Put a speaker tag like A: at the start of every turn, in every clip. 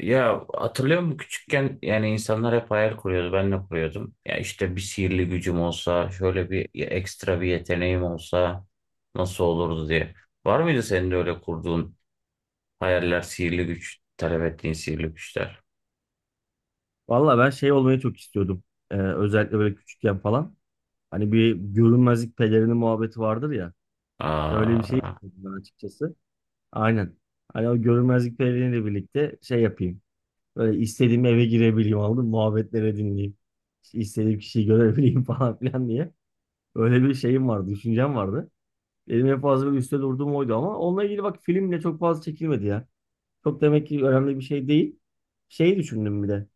A: Ya hatırlıyor musun küçükken yani insanlar hep hayal kuruyordu ben de kuruyordum. Ya işte bir sihirli gücüm olsa şöyle bir ekstra bir yeteneğim olsa nasıl olurdu diye. Var mıydı senin de öyle kurduğun hayaller, sihirli güç talep ettiğin sihirli güçler?
B: Valla ben şey olmayı çok istiyordum. Özellikle böyle küçükken falan. Hani bir görünmezlik pelerini muhabbeti vardır ya. Öyle bir şey
A: Aa.
B: istiyordum ben açıkçası. Aynen. Hani o görünmezlik peleriniyle birlikte şey yapayım. Böyle istediğim eve girebileyim aldım. Muhabbetlere dinleyeyim. İşte İstediğim kişiyi görebileyim falan filan diye. Öyle bir şeyim vardı. Düşüncem vardı. Benim en fazla böyle üstte durduğum oydu ama onunla ilgili bak filmle çok fazla çekilmedi ya. Çok demek ki önemli bir şey değil. Şeyi düşündüm bir de.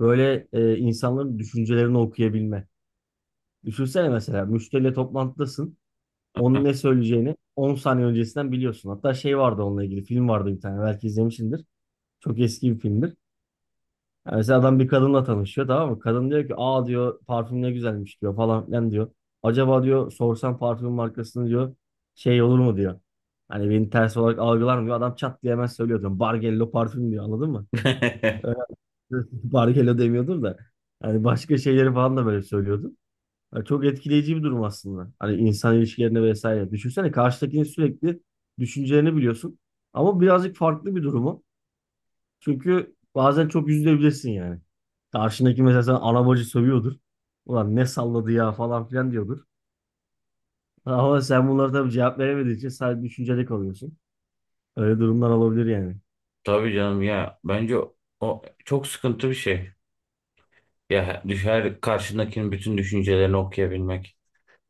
B: Böyle insanların düşüncelerini okuyabilme. Düşünsene mesela müşteriyle toplantıdasın. Onun ne söyleyeceğini 10 saniye öncesinden biliyorsun. Hatta şey vardı, onunla ilgili film vardı bir tane, belki izlemişsindir. Çok eski bir filmdir. Yani mesela adam bir kadınla tanışıyor, tamam mı? Kadın diyor ki aa diyor parfüm ne güzelmiş diyor falan filan diyor. Acaba diyor sorsam parfüm markasını diyor şey olur mu diyor. Hani beni ters olarak algılar mı diyor. Adam çat diye hemen söylüyor diyor. Bargello parfüm diyor, anladın mı? Bargello demiyordum da. Hani başka şeyleri falan da böyle söylüyordum. Yani çok etkileyici bir durum aslında. Hani insan ilişkilerine vesaire. Düşünsene, karşıdakinin sürekli düşüncelerini biliyorsun. Ama birazcık farklı bir durumu. Çünkü bazen çok üzülebilirsin yani. Karşındaki mesela sana ana bacı sövüyordur. Ulan ne salladı ya falan filan diyordur. Ama sen bunlara tabii cevap veremediğin için sadece düşünceli kalıyorsun. Öyle durumlar olabilir yani.
A: Tabii canım ya, bence o çok sıkıntı bir şey. Ya düşer karşındakinin bütün düşüncelerini okuyabilmek.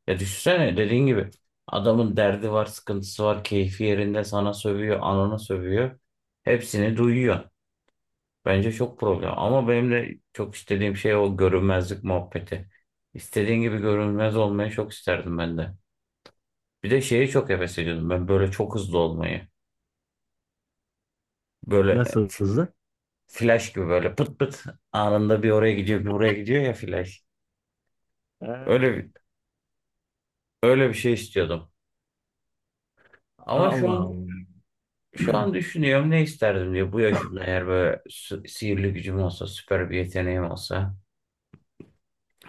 A: Ya düşünsene, dediğin gibi adamın derdi var, sıkıntısı var, keyfi yerinde sana sövüyor, anana sövüyor. Hepsini duyuyor. Bence çok problem. Ama benim de çok istediğim şey o görünmezlik muhabbeti. İstediğin gibi görünmez olmayı çok isterdim ben de. Bir de şeyi çok heves ediyordum, ben böyle çok hızlı olmayı. Böyle
B: Nasıl hızlı?
A: flash gibi, böyle pıt pıt anında bir oraya gidiyor bir buraya gidiyor, ya flash.
B: He.
A: Öyle bir, öyle bir şey istiyordum. Ama şu
B: Allah
A: an,
B: Allah.
A: şu an düşünüyorum ne isterdim diye bu yaşımda, eğer böyle sihirli gücüm olsa, süper bir yeteneğim olsa.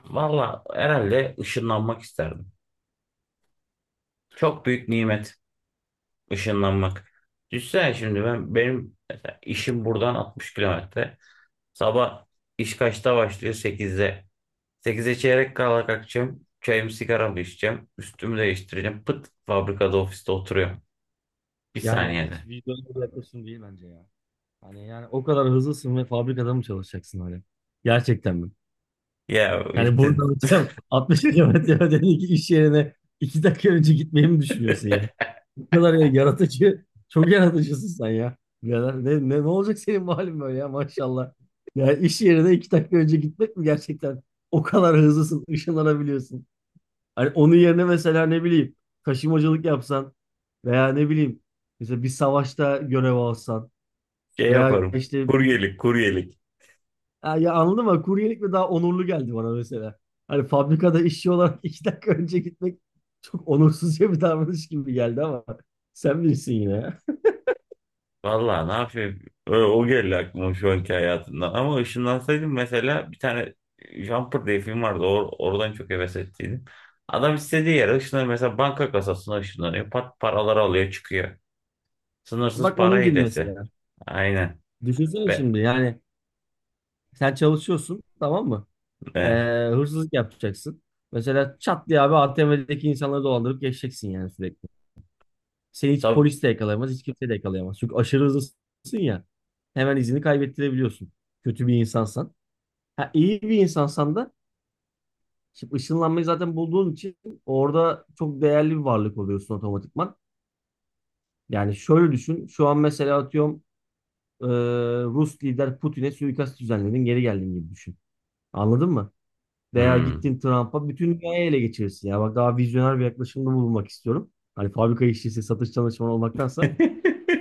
A: Valla herhalde ışınlanmak isterdim. Çok büyük nimet ışınlanmak. Düşünsene şimdi, ben benim mesela işim buradan 60 kilometre. Sabah iş kaçta başlıyor? 8'de. Sekize çeyrek kala kalkacağım. Çayımı sigaramı içeceğim. Üstümü değiştireceğim. Pıt, fabrikada ofiste oturuyorum. Bir
B: Yani
A: saniyede.
B: hiç vicdanlı bir yaklaşım değil bence ya. Hani yani o kadar hızlısın ve fabrikada mı çalışacaksın hani? Gerçekten mi?
A: Ya
B: Yani
A: işte
B: buradan hocam 60 kilometre ötedeki iş yerine 2 dakika önce gitmeyi mi düşünüyorsun ya? Bu kadar ya yaratıcı, çok yaratıcısın sen ya. Birader, ne olacak senin bu halin böyle ya, maşallah. Ya iş yerine 2 dakika önce gitmek mi gerçekten? O kadar hızlısın, ışınlanabiliyorsun. Hani onun yerine mesela, ne bileyim, taşımacılık yapsan, veya ne bileyim, mesela bir savaşta görev alsan,
A: şey
B: veya
A: yaparım.
B: işte.
A: Kuryelik, kuryelik.
B: Ha, ya anladın mı? Kuryelik mi daha onurlu geldi bana mesela. Hani fabrikada işçi olarak 2 dakika önce gitmek çok onursuzca bir davranış gibi geldi, ama sen bilirsin yine ya.
A: Vallahi ne yapayım? O geldi aklıma şu anki hayatımda. Ama ışınlansaydım mesela, bir tane Jumper diye film vardı. Oradan çok heves ettiydim. Adam istediği yere ışınlanıyor. Mesela banka kasasına ışınlanıyor. Pat, paraları alıyor çıkıyor. Sınırsız
B: Bak
A: para
B: onun gibi
A: hilesi.
B: mesela.
A: Aynen.
B: Düşünsene
A: Ve,
B: şimdi yani, sen çalışıyorsun, tamam mı? Ee,
A: ve
B: hırsızlık yapacaksın. Mesela çat diye abi ATM'deki insanları dolandırıp geçeceksin yani sürekli. Seni hiç
A: tab
B: polis de yakalayamaz, hiç kimse de yakalayamaz. Çünkü aşırı hızlısın ya. Hemen izini kaybettirebiliyorsun. Kötü bir insansan. Ha, iyi bir insansan da, şimdi ışınlanmayı zaten bulduğun için orada çok değerli bir varlık oluyorsun otomatikman. Yani şöyle düşün. Şu an mesela atıyorum, e, Rus lider Putin'e suikast düzenledin, geri geldin gibi düşün. Anladın mı? Veya
A: hmm.
B: gittin Trump'a, bütün dünyayı ele geçirirsin. Ya bak, daha vizyoner bir yaklaşımda bulunmak istiyorum. Hani fabrika işçisi, satış çalışanı olmaktansa.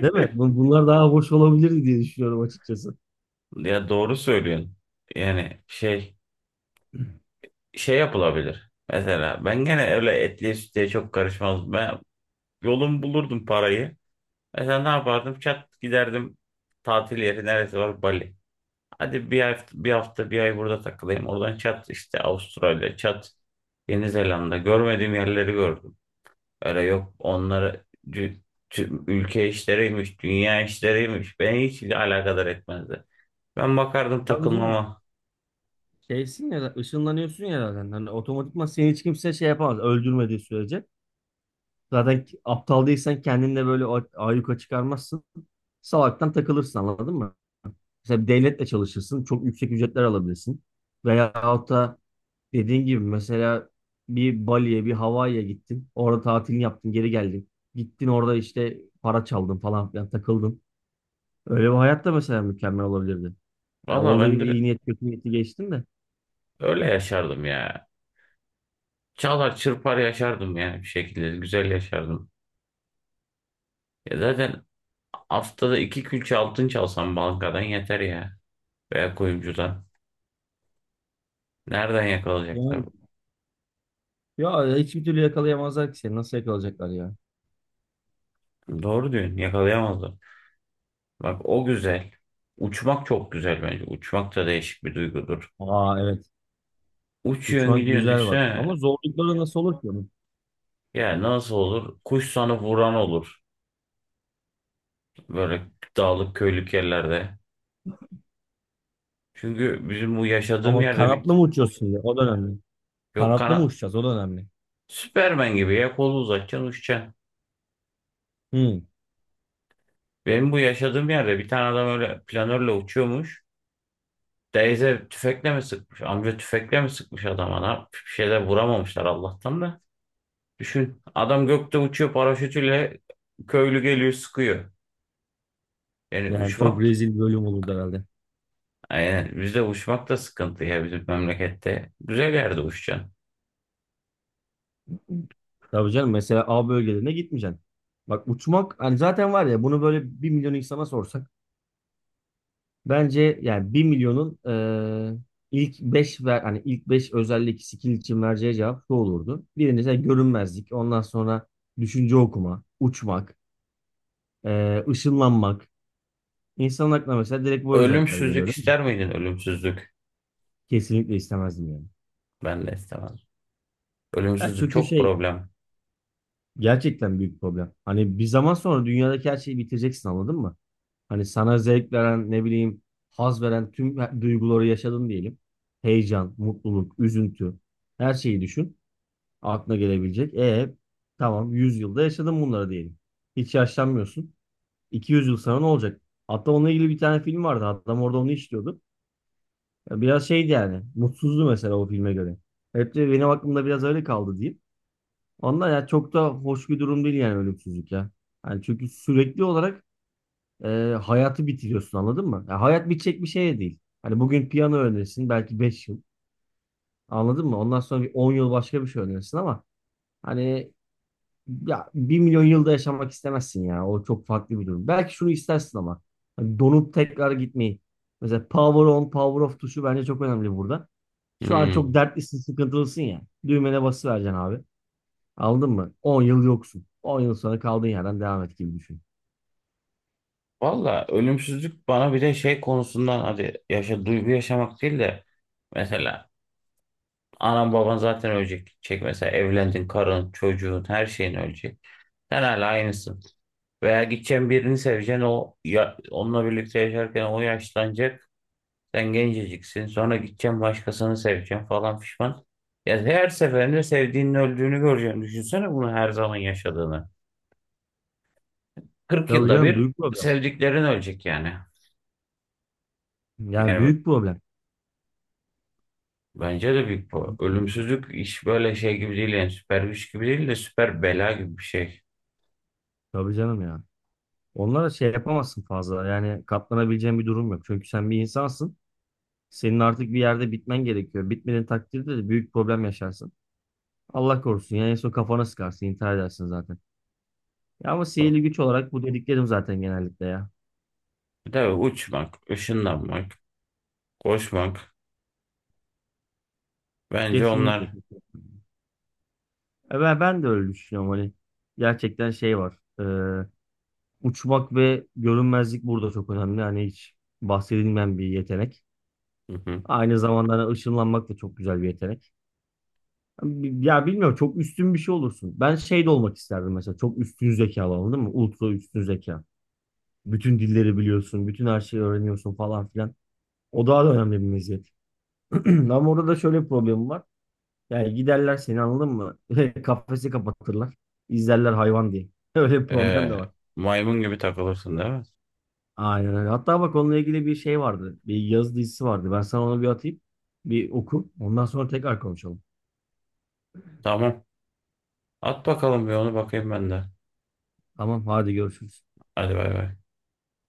B: Değil mi? Bun- Bunlar daha hoş olabilirdi diye düşünüyorum açıkçası.
A: Ya doğru söylüyorsun. Yani şey yapılabilir. Mesela ben gene öyle etliye sütlüye çok karışmaz. Ben yolum bulurdum parayı. Mesela ne yapardım? Çat giderdim, tatil yeri neresi var? Bali. Hadi bir hafta, bir hafta, bir ay burada takılayım. Oradan çat işte Avustralya, çat Yeni Zelanda. Görmediğim yerleri gördüm. Öyle yok, onları ülke işleriymiş, dünya işleriymiş. Beni hiç alakadar etmezdi. Ben bakardım
B: Tabii canım.
A: takılmama.
B: Şeysin ya, ışınlanıyorsun ya zaten. Hani otomatikman seni hiç kimse şey yapamaz. Öldürmediği sürece. Zaten aptal değilsen kendinle böyle ayyuka çıkarmazsın. Salaktan takılırsın, anladın mı? Mesela bir devletle çalışırsın. Çok yüksek ücretler alabilirsin. Veyahut da dediğin gibi, mesela bir Bali'ye, bir Hawaii'ye gittin. Orada tatilini yaptın, geri geldin. Gittin orada işte para çaldın falan filan takıldın. Öyle bir hayat da mesela mükemmel olabilirdi. Yani
A: Valla
B: olduğu
A: ben
B: gibi
A: de
B: iyi niyet kötü niyeti geçtim de.
A: öyle yaşardım ya. Çalar çırpar yaşardım yani, bir şekilde. Güzel yaşardım. Ya zaten haftada iki külçe altın çalsam bankadan yeter ya. Veya kuyumcudan. Nereden yakalayacaklar?
B: Yani ya, hiçbir türlü yakalayamazlar ki seni. Nasıl yakalayacaklar ya?
A: Doğru diyorsun. Yakalayamazlar. Bak o güzel. Uçmak çok güzel bence. Uçmak da değişik bir duygudur.
B: Aa, evet.
A: Uçuyorsun
B: Uçmak
A: gidiyorsun,
B: güzel bak.
A: düşsene.
B: Ama zorlukları nasıl olur ki onun?
A: Ya nasıl olur? Kuş sana vuran olur. Böyle dağlık köylük yerlerde. Çünkü bizim bu yaşadığım
B: Ama
A: yerde bir...
B: kanatlı mı uçuyorsun ya? O da önemli.
A: Yok
B: Kanatlı mı
A: kanat.
B: uçacağız? O da önemli.
A: Süpermen gibi ya, kolu uzatacaksın uçacaksın.
B: Hı.
A: Benim bu yaşadığım yerde bir tane adam öyle planörle uçuyormuş. Teyze tüfekle mi sıkmış? Amca tüfekle mi sıkmış adama? Ne yapmış? Bir şeyler vuramamışlar Allah'tan da. Düşün, adam gökte uçuyor paraşütüyle, köylü geliyor sıkıyor. Yani
B: Yani çok
A: uçmak,
B: rezil bir bölüm olurdu herhalde.
A: yani bizde uçmak da sıkıntı ya, bizim memlekette. Güzel yerde uçacaksın.
B: Tabii canım, mesela A bölgelerine gitmeyeceksin. Bak uçmak, hani zaten var ya, bunu böyle 1 milyon insana sorsak bence yani, bir milyonun ilk 5 ver, hani ilk 5 özellik skill için vereceği cevap şu olurdu. Birincisi görünmezlik, ondan sonra düşünce okuma, uçmak, ışınlanmak, İnsanın aklına mesela direkt bu özellikler geliyor,
A: Ölümsüzlük
B: değil mi?
A: ister miydin, ölümsüzlük?
B: Kesinlikle istemezdim yani.
A: Ben de istemezdim.
B: Ya
A: Ölümsüzlük
B: çünkü
A: çok
B: şey,
A: problem.
B: gerçekten büyük problem. Hani bir zaman sonra dünyadaki her şeyi bitireceksin, anladın mı? Hani sana zevk veren, ne bileyim, haz veren tüm duyguları yaşadın diyelim. Heyecan, mutluluk, üzüntü, her şeyi düşün. Aklına gelebilecek. E tamam, 100 yılda yaşadın bunları diyelim. Hiç yaşlanmıyorsun. 200 yıl sonra ne olacak? Hatta onunla ilgili bir tane film vardı. Adam orada onu işliyordu. Ya biraz şeydi yani. Mutsuzdu mesela o filme göre. Hep de benim aklımda biraz öyle kaldı diyeyim. Ondan ya, çok da hoş bir durum değil yani ölümsüzlük ya. Yani çünkü sürekli olarak e, hayatı bitiriyorsun, anladın mı? Ya hayat bitecek bir şey de değil. Hani bugün piyano öğrenirsin belki, 5 yıl. Anladın mı? Ondan sonra bir 10 yıl başka bir şey öğrenirsin, ama hani, ya 1 milyon yılda yaşamak istemezsin ya. O çok farklı bir durum. Belki şunu istersin ama. Hani donup tekrar gitmeyi. Mesela power on, power off tuşu bence çok önemli burada. Şu an çok
A: Hmm.
B: dertlisin, sıkıntılısın ya. Düğmene basıvereceksin abi. Aldın mı? 10 yıl yoksun. 10 yıl sonra kaldığın yerden devam et gibi düşün.
A: Valla ölümsüzlük bana bir de şey konusundan, hadi yaşa duygu yaşamak değil de, mesela anan baban zaten ölecek. Çek mesela, evlendin, karın çocuğun her şeyin ölecek. Sen hala aynısın. Veya gideceğin birini seveceksin o ya, onunla birlikte yaşarken o yaşlanacak. Sen genceciksin. Sonra gideceğim, başkasını seveceksin falan, pişman. Ya her seferinde sevdiğinin öldüğünü göreceksin. Düşünsene bunu her zaman yaşadığını. 40
B: Tabii
A: yılda
B: canım,
A: bir
B: büyük problem.
A: sevdiklerin ölecek yani.
B: Yani
A: Yani
B: büyük problem.
A: bence de büyük bu. Ölümsüzlük iş böyle şey gibi değil, yani süper güç gibi değil de süper bela gibi bir şey.
B: Tabii canım ya. Onlara şey yapamazsın fazla. Yani katlanabileceğin bir durum yok. Çünkü sen bir insansın. Senin artık bir yerde bitmen gerekiyor. Bitmediğin takdirde de büyük problem yaşarsın. Allah korusun. Yani en son kafana sıkarsın, intihar edersin zaten. Ya ama sihirli güç olarak bu dediklerim zaten genellikle ya.
A: Bir de uçmak, ışınlanmak, koşmak. Bence
B: Kesinlikle.
A: onlar.
B: Kesinlikle. E ben de öyle düşünüyorum hani. Gerçekten şey var. e, uçmak ve görünmezlik burada çok önemli. Hani hiç bahsedilmeyen bir yetenek.
A: Hı hı.
B: Aynı zamanda hani ışınlanmak da çok güzel bir yetenek. Ya bilmiyorum, çok üstün bir şey olursun. Ben şey de olmak isterdim mesela. Çok üstün zekalı, anladın mı? Ultra üstün zeka. Bütün dilleri biliyorsun. Bütün her şeyi öğreniyorsun falan filan. O daha da önemli bir meziyet. Ama orada da şöyle bir problem var. Yani giderler seni, anladın mı? Kafesi kapatırlar. İzlerler hayvan diye. Öyle bir problem de
A: Ee,
B: var.
A: maymun gibi takılırsın değil mi?
B: Aynen öyle. Hatta bak, onunla ilgili bir şey vardı. Bir yazı dizisi vardı. Ben sana onu bir atayım. Bir oku. Ondan sonra tekrar konuşalım.
A: Tamam. At bakalım, bir onu bakayım ben de.
B: Tamam, hadi görüşürüz.
A: Hadi bay bay.